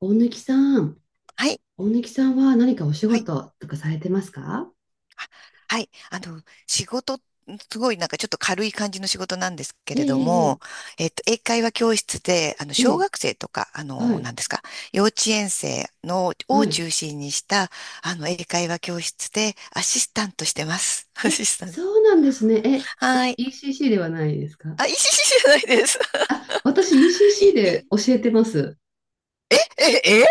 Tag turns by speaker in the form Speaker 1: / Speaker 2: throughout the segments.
Speaker 1: 大貫さん、
Speaker 2: はい。
Speaker 1: 大貫さんは何かお仕
Speaker 2: はい。
Speaker 1: 事とかされてますか？
Speaker 2: あ、はい。仕事、すごいなんかちょっと軽い感じの仕事なんですけ
Speaker 1: え
Speaker 2: れど
Speaker 1: ええ
Speaker 2: も、
Speaker 1: え
Speaker 2: 英会話教室で、
Speaker 1: え
Speaker 2: 小
Speaker 1: え、
Speaker 2: 学生とか、あ
Speaker 1: は
Speaker 2: の、
Speaker 1: い、
Speaker 2: なんですか、幼稚園生の、
Speaker 1: は
Speaker 2: を
Speaker 1: い。
Speaker 2: 中心にした、英会話教室でアシスタントしてます。ア
Speaker 1: え、
Speaker 2: シスタント。
Speaker 1: そうなんですね。え、
Speaker 2: は
Speaker 1: え、
Speaker 2: い。
Speaker 1: ECC ではないですか？
Speaker 2: あ、いいしじゃないです。
Speaker 1: あ、私
Speaker 2: い
Speaker 1: ECC で
Speaker 2: い
Speaker 1: 教えてます。
Speaker 2: え、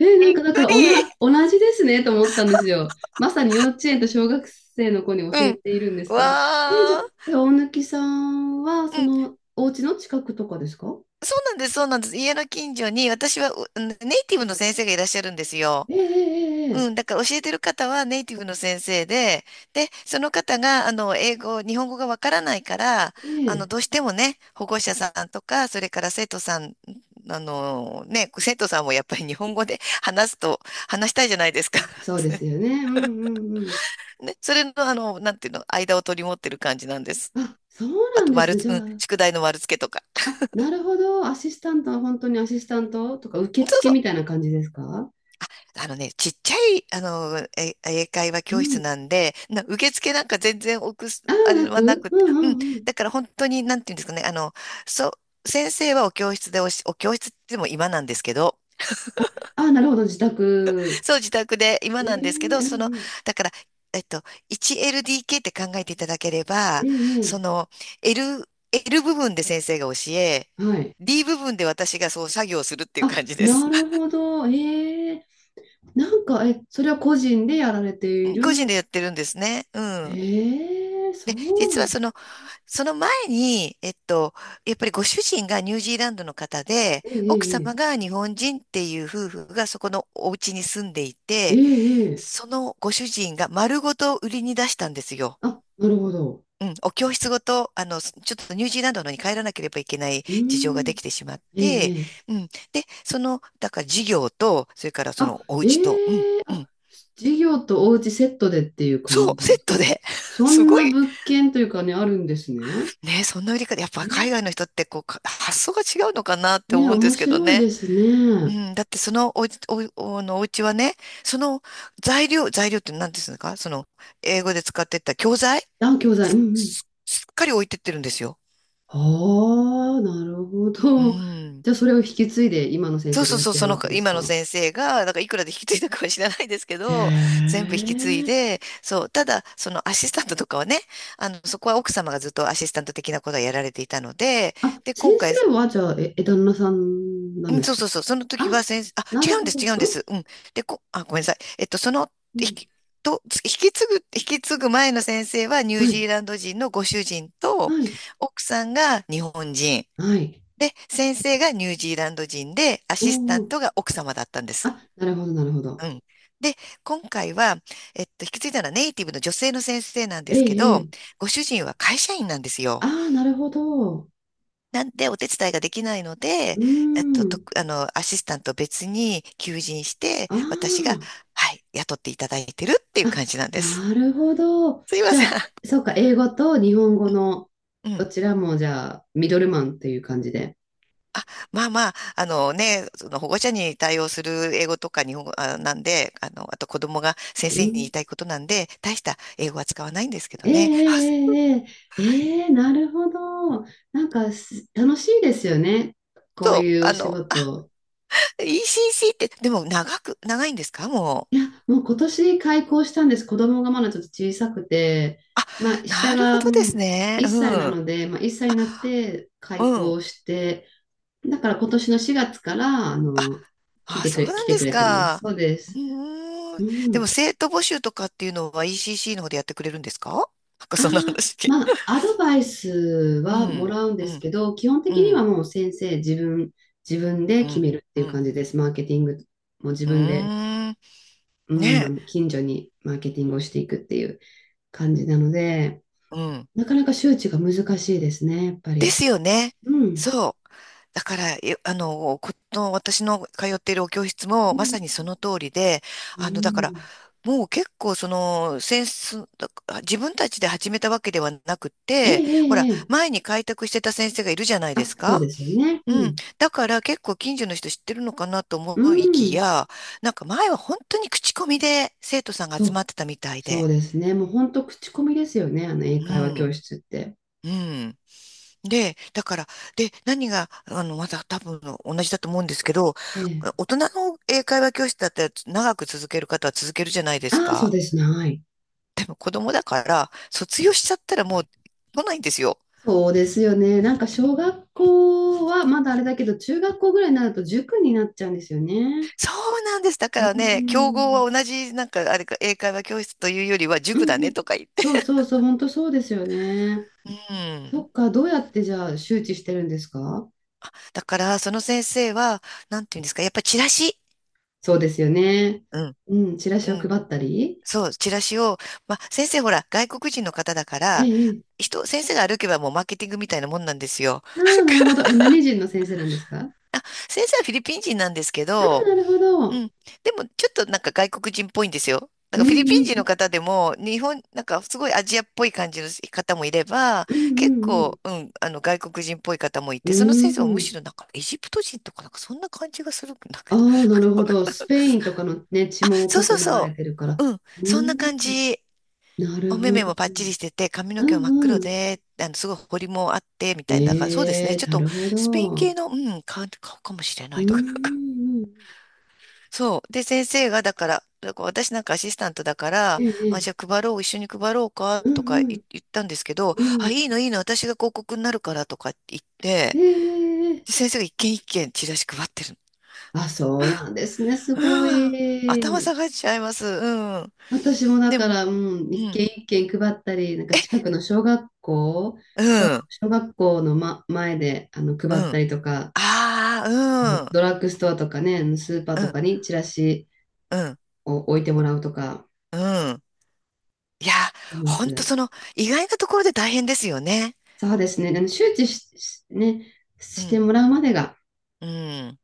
Speaker 1: え、な
Speaker 2: び
Speaker 1: ん
Speaker 2: っ
Speaker 1: かだか
Speaker 2: く
Speaker 1: ら
Speaker 2: り。
Speaker 1: 同じですねと思ったんですよ。まさに幼稚園と小学生の子に教
Speaker 2: う
Speaker 1: え
Speaker 2: ん。
Speaker 1: ているんですけど。え、じゃあ、
Speaker 2: わー。
Speaker 1: え、大貫さんはそ
Speaker 2: うん、
Speaker 1: のお家の近くとかですか？
Speaker 2: そうなんです、そうなんです。家の近所に私はネイティブの先生がいらっしゃるんですよ。
Speaker 1: ええ
Speaker 2: うん、
Speaker 1: え
Speaker 2: だから教えてる方はネイティブの先生で、で、その方が、日本語がわからないから、
Speaker 1: えええ、ええ
Speaker 2: どうしてもね、保護者さんとか、それから生徒さんもやっぱり日本語で話すと、話したいじゃないですか。
Speaker 1: あ、そうですよ ね。うんうん
Speaker 2: ね、それの、なんていうの、間を取り持ってる感じなんです。
Speaker 1: あ、そう
Speaker 2: あ
Speaker 1: なん
Speaker 2: と、
Speaker 1: です
Speaker 2: 丸
Speaker 1: ね。
Speaker 2: つ、
Speaker 1: じゃ
Speaker 2: う
Speaker 1: あ、
Speaker 2: ん、宿題の丸付けとか。
Speaker 1: あ、なるほど。アシスタントは本当にアシスタントとか受
Speaker 2: そう
Speaker 1: 付
Speaker 2: そ
Speaker 1: み
Speaker 2: う、
Speaker 1: たいな感じですか？
Speaker 2: ね、ちっちゃい、英会話
Speaker 1: う
Speaker 2: 教室
Speaker 1: ん。
Speaker 2: なんで、受付なんか全然置くす、
Speaker 1: ああ、
Speaker 2: あれはなく
Speaker 1: う
Speaker 2: て、
Speaker 1: んう
Speaker 2: うん。
Speaker 1: んうん。
Speaker 2: だから本当に、なんていうんですかね、そう、先生はお教室でお教室って言っても今なんですけど、
Speaker 1: ああ、なるほど。自 宅。
Speaker 2: そう、自宅で今
Speaker 1: え
Speaker 2: なんですけ
Speaker 1: え
Speaker 2: ど、
Speaker 1: うん
Speaker 2: その、
Speaker 1: うん。
Speaker 2: だから、えっと、1LDK って考えていただければ、そ
Speaker 1: ええ
Speaker 2: の、L 部分で先生が教え、
Speaker 1: はい。
Speaker 2: D 部分で私がそう作業するっていう
Speaker 1: あ、
Speaker 2: 感じで
Speaker 1: な
Speaker 2: す。
Speaker 1: る ほど。ええなんか、え、それは個人でやられて
Speaker 2: う
Speaker 1: い
Speaker 2: ん、個人
Speaker 1: る。
Speaker 2: でやってるんですね。うん。
Speaker 1: ええそ
Speaker 2: で、
Speaker 1: うな
Speaker 2: 実
Speaker 1: ん
Speaker 2: はその前に、やっぱりご主人がニュージーランドの方で、奥
Speaker 1: え
Speaker 2: 様
Speaker 1: え
Speaker 2: が日本人っていう夫婦がそこのお家に住んでい
Speaker 1: ええ
Speaker 2: て、
Speaker 1: ええええ
Speaker 2: そのご主人が丸ごと売りに出したんですよ。
Speaker 1: あ、なるほど。
Speaker 2: うん、お教室ごと、ちょっとニュージーランドのに帰らなければいけない
Speaker 1: う
Speaker 2: 事情が
Speaker 1: ー
Speaker 2: で
Speaker 1: ん。
Speaker 2: きてしまっ
Speaker 1: え
Speaker 2: て、
Speaker 1: ええ
Speaker 2: うん。で、その、だから事業と、それからそ
Speaker 1: あ、
Speaker 2: のお家と、うん、
Speaker 1: ええ
Speaker 2: う
Speaker 1: あ、
Speaker 2: ん。
Speaker 1: 授業とお家セットでっていう感
Speaker 2: そ
Speaker 1: じ
Speaker 2: う、
Speaker 1: なん
Speaker 2: セ
Speaker 1: です
Speaker 2: ット
Speaker 1: か？
Speaker 2: で。
Speaker 1: そ
Speaker 2: す
Speaker 1: ん
Speaker 2: ご
Speaker 1: な
Speaker 2: い。
Speaker 1: 物件というかね、あるんですね。
Speaker 2: ね、そんな売り方、やっぱ
Speaker 1: え、
Speaker 2: 海外の人ってこう、発想が違うのかなって
Speaker 1: ね、
Speaker 2: 思うんで
Speaker 1: 面
Speaker 2: すけど
Speaker 1: 白い
Speaker 2: ね。
Speaker 1: です
Speaker 2: う
Speaker 1: ね。
Speaker 2: ん、だってそのおうち、お、おのお家はね、その材料って何ですかその英語で使ってた教材
Speaker 1: あ、教材、うんうん。
Speaker 2: すっかり置いてってるんですよ。
Speaker 1: ああ、なるほ
Speaker 2: う
Speaker 1: ど。
Speaker 2: ん。
Speaker 1: じゃあ、それを引き継いで今の先
Speaker 2: そ
Speaker 1: 生
Speaker 2: う
Speaker 1: が
Speaker 2: そう
Speaker 1: やっ
Speaker 2: そう、
Speaker 1: て
Speaker 2: そ
Speaker 1: るわ
Speaker 2: の
Speaker 1: けです
Speaker 2: 今の
Speaker 1: か？
Speaker 2: 先生が、なんかいくらで引き継いだかは知らないですけ
Speaker 1: へ
Speaker 2: ど、全部引き継い
Speaker 1: え。
Speaker 2: で、そう、ただそのアシスタントとかはね、そこは奥様がずっとアシスタント的なことはやられていたので、
Speaker 1: あ、
Speaker 2: で、
Speaker 1: 先
Speaker 2: 今回、
Speaker 1: 生は、じゃあ、え、え旦那さんなん
Speaker 2: うん、
Speaker 1: です
Speaker 2: そう
Speaker 1: か？
Speaker 2: そうそう。その時
Speaker 1: あ、
Speaker 2: は先生、あ、
Speaker 1: なる
Speaker 2: 違うん
Speaker 1: ほ
Speaker 2: です、違うんで
Speaker 1: ど。
Speaker 2: す。うん。で、あ、ごめんなさい。その、
Speaker 1: うん、う
Speaker 2: 引
Speaker 1: ん。
Speaker 2: き、引き継ぐ前の先生はニュー
Speaker 1: は
Speaker 2: ジ
Speaker 1: い、
Speaker 2: ーランド人のご主人と、
Speaker 1: はい、
Speaker 2: 奥さんが日本人。
Speaker 1: はい。
Speaker 2: で、先生がニュージーランド人で、ア
Speaker 1: お
Speaker 2: シスタン
Speaker 1: お。
Speaker 2: トが奥様だったんです。
Speaker 1: あ、なるほど、なるほど。
Speaker 2: うん。で、今回は、引き継いだのはネイティブの女性の先生なんで
Speaker 1: え
Speaker 2: すけ
Speaker 1: え、え
Speaker 2: ど、
Speaker 1: え。
Speaker 2: ご主人は会社員なんですよ。
Speaker 1: ああ、なるほど。う
Speaker 2: なんでお手伝いができないので、
Speaker 1: ー
Speaker 2: えっと、と、
Speaker 1: ん。
Speaker 2: あの、アシスタント別に求人して、
Speaker 1: あ
Speaker 2: 私が、
Speaker 1: ー
Speaker 2: はい、雇っていただいてるっていう
Speaker 1: あ、
Speaker 2: 感じなんです。
Speaker 1: なるほど。
Speaker 2: すいま
Speaker 1: じ
Speaker 2: せ
Speaker 1: ゃ
Speaker 2: ん。
Speaker 1: あ、そうか、英語と日本語の
Speaker 2: う
Speaker 1: ど
Speaker 2: ん。
Speaker 1: ちらも、じゃあ、ミドルマンっていう感じで。
Speaker 2: あ、まあまあ、ね、その保護者に対応する英語とか日本語なんで、あと子供が先
Speaker 1: う
Speaker 2: 生に言
Speaker 1: ん。
Speaker 2: いたいことなんで、大した英語は使わないんですけど
Speaker 1: えええ
Speaker 2: ね。あ、
Speaker 1: えええええなるほど。なんか楽しいですよね。こう
Speaker 2: そう、
Speaker 1: いうお仕事。
Speaker 2: ECC って、でも長いんですかも
Speaker 1: い
Speaker 2: う。
Speaker 1: や、もう今年開校したんです。子供がまだちょっと小さくて、
Speaker 2: あ、
Speaker 1: まあ、下
Speaker 2: なるほ
Speaker 1: が、う
Speaker 2: どです
Speaker 1: ん、
Speaker 2: ね。
Speaker 1: 1歳な
Speaker 2: うん、
Speaker 1: ので、まあ、1歳になって
Speaker 2: う
Speaker 1: 開
Speaker 2: ん。
Speaker 1: 校して、だから今年の4月から、
Speaker 2: あ、
Speaker 1: 来
Speaker 2: あ、
Speaker 1: てく
Speaker 2: そう
Speaker 1: れ、
Speaker 2: な
Speaker 1: 来
Speaker 2: ん
Speaker 1: て
Speaker 2: で
Speaker 1: く
Speaker 2: す
Speaker 1: れてます。
Speaker 2: か。
Speaker 1: そうで
Speaker 2: う
Speaker 1: す。
Speaker 2: ーん。
Speaker 1: う
Speaker 2: でも
Speaker 1: ん。
Speaker 2: 生徒募集とかっていうのは ECC の方でやってくれるんですか。なんか
Speaker 1: あ
Speaker 2: そんな
Speaker 1: あ、
Speaker 2: 話聞い。
Speaker 1: まあ、アドバイス
Speaker 2: う
Speaker 1: はも
Speaker 2: ん、
Speaker 1: らうんで
Speaker 2: う
Speaker 1: す
Speaker 2: ん、
Speaker 1: けど、基本
Speaker 2: う
Speaker 1: 的には
Speaker 2: ん、
Speaker 1: もう先生、自分で
Speaker 2: う
Speaker 1: 決
Speaker 2: ん、
Speaker 1: めるって
Speaker 2: う
Speaker 1: いう
Speaker 2: ん。
Speaker 1: 感じです。マーケティングも自
Speaker 2: う
Speaker 1: 分で、
Speaker 2: ーん。
Speaker 1: うん、あ
Speaker 2: ねえ。
Speaker 1: の近所にマーケティングをしていくっていう感じなので、
Speaker 2: うん。
Speaker 1: なかなか周知が難しいですね、やっぱ
Speaker 2: で
Speaker 1: り。
Speaker 2: すよね。
Speaker 1: うん。
Speaker 2: そう。だから、えあの、この私の通っているお教室
Speaker 1: う
Speaker 2: もま
Speaker 1: ん。
Speaker 2: さにその通りで、
Speaker 1: う
Speaker 2: だから、
Speaker 1: ん
Speaker 2: もう結構その、センス、だ自分たちで始めたわけではなく
Speaker 1: ええ、
Speaker 2: て、
Speaker 1: え
Speaker 2: ほら、
Speaker 1: え、ええ。
Speaker 2: 前に開拓してた先生がいるじゃないで
Speaker 1: あ、
Speaker 2: す
Speaker 1: そうで
Speaker 2: か。
Speaker 1: すよね。う
Speaker 2: うん。
Speaker 1: ん。
Speaker 2: だから結構近所の人知ってるのかなと思
Speaker 1: う
Speaker 2: いき
Speaker 1: ん。
Speaker 2: や、なんか前は本当に口コミで生徒さんが
Speaker 1: そ
Speaker 2: 集ま
Speaker 1: う。
Speaker 2: ってたみたい
Speaker 1: そう
Speaker 2: で。
Speaker 1: ですね。もう本当口コミですよね。あの英
Speaker 2: う
Speaker 1: 会話教
Speaker 2: ん。
Speaker 1: 室って。
Speaker 2: うん。で、だから、何が、また多分同じだと思うんですけど、
Speaker 1: ええ。
Speaker 2: 大人の英会話教室だったら長く続ける方は続けるじゃないです
Speaker 1: ああ、そう
Speaker 2: か。
Speaker 1: ですね。はい。
Speaker 2: 子供だから、卒業しちゃったらもう来ないんですよ。
Speaker 1: そうですよね。なんか小学校はまだあれだけど、中学校ぐらいになると塾になっちゃうんですよね。
Speaker 2: そうなんです。だか
Speaker 1: う
Speaker 2: らね、競合
Speaker 1: ん。
Speaker 2: は同じ、なんか、あれか、英会話教室というよりは
Speaker 1: う
Speaker 2: 塾だ
Speaker 1: んう
Speaker 2: ね
Speaker 1: ん。
Speaker 2: とか言って。
Speaker 1: そうそうそう。本当そうですよね。
Speaker 2: う
Speaker 1: そ
Speaker 2: ん。
Speaker 1: っか。どうやってじゃあ周知してるんですか？
Speaker 2: だから、その先生は、なんていうんですか、やっぱチラシ。
Speaker 1: そうですよね。
Speaker 2: うん。
Speaker 1: うん。チラ
Speaker 2: う
Speaker 1: シを配
Speaker 2: ん。
Speaker 1: ったり。
Speaker 2: そう、チラシを、まあ、先生ほら、外国人の方だか
Speaker 1: え
Speaker 2: ら、
Speaker 1: え。ええ
Speaker 2: 先生が歩けばもうマーケティングみたいなもんなんですよ。
Speaker 1: ああ、なるほど。え、何人の先生なんですか？
Speaker 2: あ、先生はフィリピン人なんですけ
Speaker 1: ああ、
Speaker 2: ど、
Speaker 1: なるほ
Speaker 2: う
Speaker 1: ど。
Speaker 2: ん。でも、ちょっとなんか外国人っぽいんですよ。なん
Speaker 1: う
Speaker 2: かフィリ
Speaker 1: ん
Speaker 2: ピン人
Speaker 1: う
Speaker 2: の
Speaker 1: ん。
Speaker 2: 方でも、なんかすごいアジアっぽい感じの方もいれば、
Speaker 1: うんうん
Speaker 2: 結
Speaker 1: うんうん。
Speaker 2: 構、うん、あの外国人っぽい方もい
Speaker 1: う
Speaker 2: て、その先生は
Speaker 1: ー
Speaker 2: むし
Speaker 1: ん。
Speaker 2: ろなんかエジプト人とかなんかそんな感じがするんだけ
Speaker 1: あ
Speaker 2: ど。
Speaker 1: あ、なるほど。スペインとかのね、血
Speaker 2: あ、
Speaker 1: も
Speaker 2: そう
Speaker 1: 濃く
Speaker 2: そう
Speaker 1: 流れ
Speaker 2: そ
Speaker 1: てるから。
Speaker 2: う。うん、
Speaker 1: うー
Speaker 2: そんな感
Speaker 1: ん。
Speaker 2: じ。
Speaker 1: なる
Speaker 2: お目
Speaker 1: ほ
Speaker 2: 目
Speaker 1: ど。
Speaker 2: もパッチリしてて、髪の
Speaker 1: う
Speaker 2: 毛も真
Speaker 1: ん
Speaker 2: っ
Speaker 1: う
Speaker 2: 黒
Speaker 1: ん。
Speaker 2: で、すごい彫りもあって、みたいな。だからそうですね。
Speaker 1: え
Speaker 2: ち
Speaker 1: え、
Speaker 2: ょっ
Speaker 1: な
Speaker 2: と、
Speaker 1: るほ
Speaker 2: スペイン
Speaker 1: ど。
Speaker 2: 系
Speaker 1: う
Speaker 2: の、うん、顔かもしれ
Speaker 1: ー
Speaker 2: ないとか、なんか。
Speaker 1: ん。
Speaker 2: そう。で、先生が、だから私なんかアシスタントだから、
Speaker 1: え
Speaker 2: あ、じ
Speaker 1: え、
Speaker 2: ゃあ配ろう、一緒に配ろうか、
Speaker 1: うん
Speaker 2: とか
Speaker 1: うん。
Speaker 2: 言ったんですけど、
Speaker 1: う
Speaker 2: あ、
Speaker 1: ん。
Speaker 2: いいの、いいの、私が広告になるから、とか言っ
Speaker 1: え
Speaker 2: て、
Speaker 1: え。
Speaker 2: で先生が一軒一軒チラシ配ってるの。
Speaker 1: あ、そうなんですね。す
Speaker 2: う
Speaker 1: ご
Speaker 2: わ、頭
Speaker 1: い。
Speaker 2: 下がっちゃいます。うん。
Speaker 1: 私もだ
Speaker 2: で
Speaker 1: か
Speaker 2: も、
Speaker 1: ら、うん、
Speaker 2: う
Speaker 1: 一軒
Speaker 2: ん、
Speaker 1: 一軒配ったり、なんか近くの小学校、
Speaker 2: う
Speaker 1: 小、
Speaker 2: ん、
Speaker 1: 小学校の、ま、前で
Speaker 2: う
Speaker 1: 配った
Speaker 2: ん。
Speaker 1: りとか、
Speaker 2: ああ、
Speaker 1: ドラッグストアとかね、スーパー
Speaker 2: うん、う
Speaker 1: と
Speaker 2: ん、
Speaker 1: かにチラシ
Speaker 2: うん。
Speaker 1: を置いてもらうとか、
Speaker 2: うん。いや、
Speaker 1: いま
Speaker 2: ほんとそ
Speaker 1: す。
Speaker 2: の、意外なところで大変ですよね。
Speaker 1: そうですね。あの周知し、しね、
Speaker 2: う
Speaker 1: して
Speaker 2: ん。
Speaker 1: もらうまでが
Speaker 2: うん。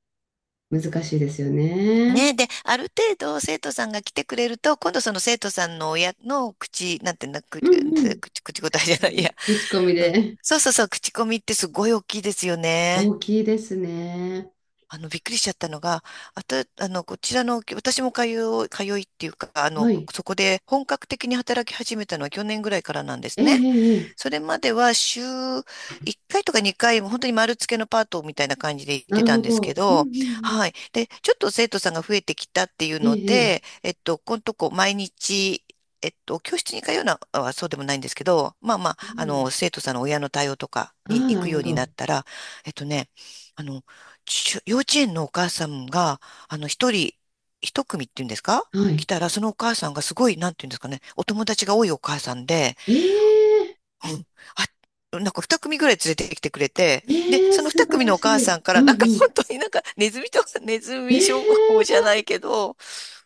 Speaker 1: 難しいですよね。
Speaker 2: ね。で、ある程度生徒さんが来てくれると、今度その生徒さんの親の口、なんていうの、
Speaker 1: うんうん。
Speaker 2: 口答え
Speaker 1: 口
Speaker 2: じゃ
Speaker 1: コ
Speaker 2: な
Speaker 1: ミ
Speaker 2: い、い
Speaker 1: で。
Speaker 2: や、
Speaker 1: 口コミ
Speaker 2: うん。
Speaker 1: で。
Speaker 2: そうそうそう、口コミってすごい大きいですよね。
Speaker 1: 大きいですね。
Speaker 2: びっくりしちゃったのが、あと、こちらの、私も通う、通いっていうか、
Speaker 1: はい。
Speaker 2: そこで本格的に働き始めたのは去年ぐらいからなんで
Speaker 1: え
Speaker 2: す
Speaker 1: ええ
Speaker 2: ね。
Speaker 1: えええ
Speaker 2: それまでは週1回とか2回、本当に丸付けのパートみたいな感じで行っ
Speaker 1: な
Speaker 2: て
Speaker 1: る
Speaker 2: たん
Speaker 1: ほ
Speaker 2: ですけ
Speaker 1: ど。うんうん
Speaker 2: ど、
Speaker 1: うん。
Speaker 2: はい。で、ちょっと生徒さんが増えてきたっていう
Speaker 1: え
Speaker 2: の
Speaker 1: ええ
Speaker 2: で、
Speaker 1: え
Speaker 2: このとこ毎日、教室に通うのはそうでもないんですけど、まあまあ、
Speaker 1: うん。
Speaker 2: 生徒さんの親の対応とか
Speaker 1: あ
Speaker 2: に
Speaker 1: あ、
Speaker 2: 行
Speaker 1: な
Speaker 2: く
Speaker 1: る
Speaker 2: よ
Speaker 1: ほ
Speaker 2: うになっ
Speaker 1: ど。
Speaker 2: たら、えっとね、あの、幼稚園のお母さんが、一人、一組っていうんですか、
Speaker 1: は
Speaker 2: 来
Speaker 1: い。
Speaker 2: たら、そのお母さんがすごい、なんていうんですかね、お友達が多いお母さんで、
Speaker 1: ええ
Speaker 2: うん。あ、なんか二組ぐらい連れてきてくれて、で、
Speaker 1: ええ
Speaker 2: その
Speaker 1: 素
Speaker 2: 二
Speaker 1: 晴
Speaker 2: 組
Speaker 1: ら
Speaker 2: のお
Speaker 1: し
Speaker 2: 母
Speaker 1: い。
Speaker 2: さんか
Speaker 1: う
Speaker 2: ら、
Speaker 1: ん
Speaker 2: なんか
Speaker 1: う
Speaker 2: 本
Speaker 1: ん。
Speaker 2: 当になんかネズミとか、ネズ
Speaker 1: え
Speaker 2: ミ商法じゃ
Speaker 1: え
Speaker 2: ないけど、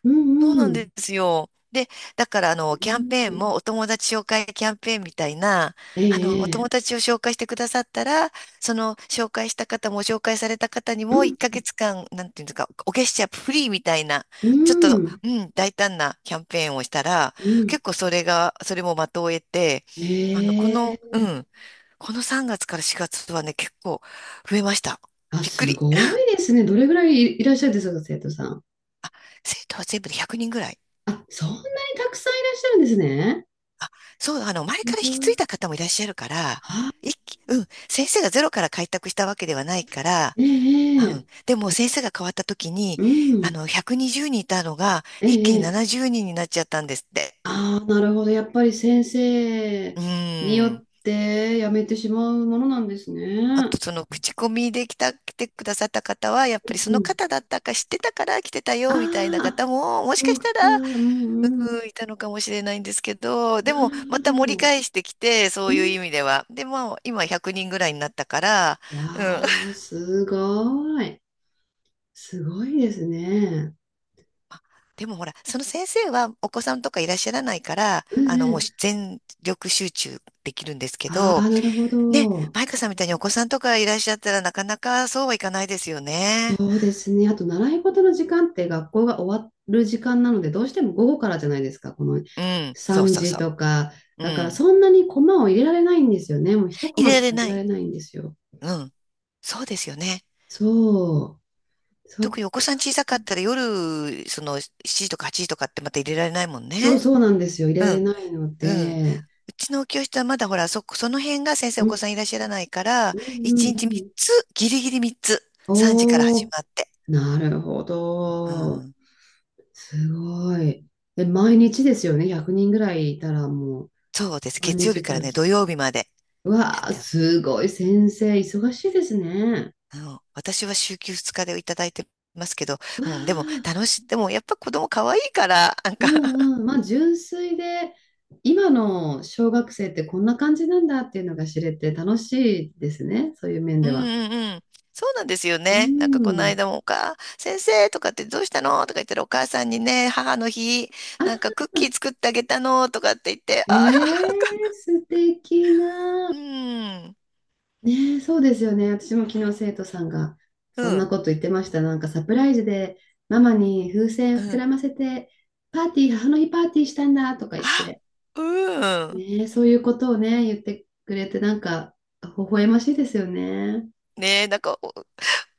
Speaker 1: う
Speaker 2: そう
Speaker 1: んう
Speaker 2: なん
Speaker 1: ん。
Speaker 2: ですよ。で、だから、
Speaker 1: う
Speaker 2: キャン
Speaker 1: ん
Speaker 2: ペーンも、お友達紹介キャンペーンみたいな、
Speaker 1: え
Speaker 2: お友
Speaker 1: えええ
Speaker 2: 達を紹介してくださったら、その、紹介した方も、紹介された方に
Speaker 1: う
Speaker 2: も、1
Speaker 1: ん
Speaker 2: ヶ月間、なんていうんですか、お月謝フリーみたいな、
Speaker 1: う
Speaker 2: ちょっと、
Speaker 1: ん、
Speaker 2: うん、大胆なキャンペーンをしたら、
Speaker 1: うん。
Speaker 2: 結構それが、それも的を得て、あの、この、
Speaker 1: え
Speaker 2: う
Speaker 1: え
Speaker 2: ん、この3月から4月はね、結構増えました。
Speaker 1: あ、
Speaker 2: びっく
Speaker 1: す
Speaker 2: り。
Speaker 1: ごい ですね。どれぐらいいらっしゃるんですか、生徒さん。
Speaker 2: 生徒は全部で100人ぐらい。
Speaker 1: あ、そんなにたくさんいらっしゃるんですね。
Speaker 2: あ、そう、前
Speaker 1: す
Speaker 2: から引
Speaker 1: ご
Speaker 2: き継いだ
Speaker 1: い
Speaker 2: 方もいらっしゃるから、
Speaker 1: あ、
Speaker 2: 一気、うん、先生がゼロから開拓したわけではないから、う
Speaker 1: ええ
Speaker 2: ん、
Speaker 1: ええ
Speaker 2: でも先生が変わった時に、
Speaker 1: うん、
Speaker 2: 120人いたのが、
Speaker 1: え
Speaker 2: 一気に
Speaker 1: えええ
Speaker 2: 70人にんになっちゃったんですって。
Speaker 1: ああ、なるほど。やっぱり先生
Speaker 2: う
Speaker 1: によ
Speaker 2: ん。
Speaker 1: ってやめてしまうものなんです
Speaker 2: あと、
Speaker 1: ね。
Speaker 2: その、口コミで来てくださった方は、やっ
Speaker 1: う
Speaker 2: ぱりその
Speaker 1: ん。
Speaker 2: 方だったか知ってたから来てた
Speaker 1: あ
Speaker 2: よ、みたいな方
Speaker 1: あ、
Speaker 2: も、もし
Speaker 1: そ
Speaker 2: か
Speaker 1: う
Speaker 2: した
Speaker 1: か。
Speaker 2: ら
Speaker 1: うんうん。
Speaker 2: うんいたのかもしれないんですけど、で
Speaker 1: な
Speaker 2: も
Speaker 1: る
Speaker 2: ま
Speaker 1: ほど。
Speaker 2: た盛り返してきて、そう
Speaker 1: う
Speaker 2: いう
Speaker 1: ん。
Speaker 2: 意味では。で、まあ今100人ぐらいになったから、うん。
Speaker 1: わあ、すごい。すごいですね。
Speaker 2: でもほら、その先生はお子さんとかいらっしゃらないから、
Speaker 1: うんう
Speaker 2: もう
Speaker 1: ん。
Speaker 2: 全力集中できるんですけ
Speaker 1: あ
Speaker 2: ど、
Speaker 1: あ、なるほ
Speaker 2: ね、
Speaker 1: ど。
Speaker 2: マイカさんみたいにお子さんとかいらっしゃったらなかなかそうはいかないですよ
Speaker 1: そ
Speaker 2: ね。
Speaker 1: うですね。あと、習い事の時間って学校が終わる時間なので、どうしても午後からじゃないですか。この
Speaker 2: うん、そう
Speaker 1: 3
Speaker 2: そう
Speaker 1: 時
Speaker 2: そ
Speaker 1: とか。
Speaker 2: う。う
Speaker 1: だから、
Speaker 2: ん。
Speaker 1: そんなにコマを入れられないんですよね。もう一コ
Speaker 2: 入
Speaker 1: マ
Speaker 2: れら
Speaker 1: し
Speaker 2: れ
Speaker 1: か入れ
Speaker 2: な
Speaker 1: ら
Speaker 2: い。
Speaker 1: れないんですよ。
Speaker 2: うん。そうですよね。
Speaker 1: そう。そ
Speaker 2: 特
Speaker 1: っ
Speaker 2: にお子
Speaker 1: か。
Speaker 2: さん小さかったら夜、その7時とか8時とかってまた入れられないもん
Speaker 1: そう
Speaker 2: ね。
Speaker 1: そうなんですよ。入れ
Speaker 2: う
Speaker 1: られ
Speaker 2: ん、
Speaker 1: ないの
Speaker 2: うん。う
Speaker 1: で。
Speaker 2: ちの教室はまだほら、その辺が先生
Speaker 1: う
Speaker 2: お子
Speaker 1: ん。
Speaker 2: さんいらっしゃらないから、
Speaker 1: うんうん
Speaker 2: 1
Speaker 1: う
Speaker 2: 日3
Speaker 1: ん。
Speaker 2: つ、ギリギリ3つ、3時から始
Speaker 1: おー、
Speaker 2: まって。
Speaker 1: なるほ
Speaker 2: う
Speaker 1: ど。
Speaker 2: ん。
Speaker 1: すごい。で、毎日ですよね。100人ぐらいいたらもう、
Speaker 2: そうです。
Speaker 1: 毎
Speaker 2: 月曜日
Speaker 1: 日ク
Speaker 2: から
Speaker 1: ラ
Speaker 2: ね、
Speaker 1: ス。
Speaker 2: 土曜日までやっ
Speaker 1: わあ、
Speaker 2: てる。
Speaker 1: すごい先生、忙しいですね。
Speaker 2: うん、私は週休2日でいただいてますけど、
Speaker 1: わ
Speaker 2: うん、でも
Speaker 1: あ、
Speaker 2: 楽しい、でもやっぱ子供可愛いから、なん
Speaker 1: う
Speaker 2: か
Speaker 1: んうん。まあ、純粋で、今の小学生ってこんな感じなんだっていうのが知れて楽しいですね、そういう面
Speaker 2: う
Speaker 1: で
Speaker 2: ん
Speaker 1: は。
Speaker 2: うんうん。そうなんですよ
Speaker 1: う
Speaker 2: ね。なんかこの
Speaker 1: ん。
Speaker 2: 間も先生とかってどうしたのとか言ったらお母さんにね、母の日、なんか
Speaker 1: あ、
Speaker 2: クッキー作ってあげたのとかって言って、
Speaker 1: ね
Speaker 2: あ
Speaker 1: え、素敵な。
Speaker 2: うん。
Speaker 1: ねえ、そうですよね。私も昨日生徒さんが
Speaker 2: う
Speaker 1: そんな
Speaker 2: ん。
Speaker 1: こと言ってました。なんかサプライズでママに風
Speaker 2: う
Speaker 1: 船膨
Speaker 2: ん。
Speaker 1: らませて、パーティー、母の日パーティーしたんだとか言って。
Speaker 2: あ、うん。
Speaker 1: ねえ、そういうことをね、言ってくれて、なんか、微笑ましいですよね。
Speaker 2: ねえ、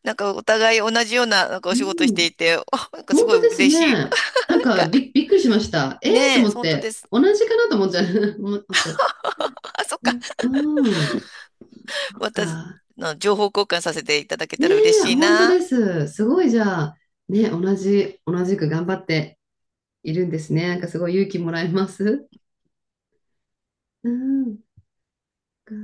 Speaker 2: なんかお互い同じような、なんかお
Speaker 1: う
Speaker 2: 仕事して
Speaker 1: ん。
Speaker 2: いて、なんかす
Speaker 1: 本
Speaker 2: ごい
Speaker 1: 当です
Speaker 2: 嬉しい。
Speaker 1: ね。なん
Speaker 2: なん
Speaker 1: か、
Speaker 2: か、
Speaker 1: びっくりしました。ええと
Speaker 2: ねえ、
Speaker 1: 思っ
Speaker 2: 本当
Speaker 1: て、
Speaker 2: です。
Speaker 1: 同じかなと思っちゃう。思っちゃう。
Speaker 2: あ、そっか。
Speaker 1: うん。そっ
Speaker 2: また、
Speaker 1: か。
Speaker 2: の情報交換させていただけ
Speaker 1: ね
Speaker 2: たら嬉
Speaker 1: え、
Speaker 2: しい
Speaker 1: 本当で
Speaker 2: な。
Speaker 1: す。すごい、じゃあ、ね、同じく頑張っているんですね。なんか、すごい勇気もらえます。うん。か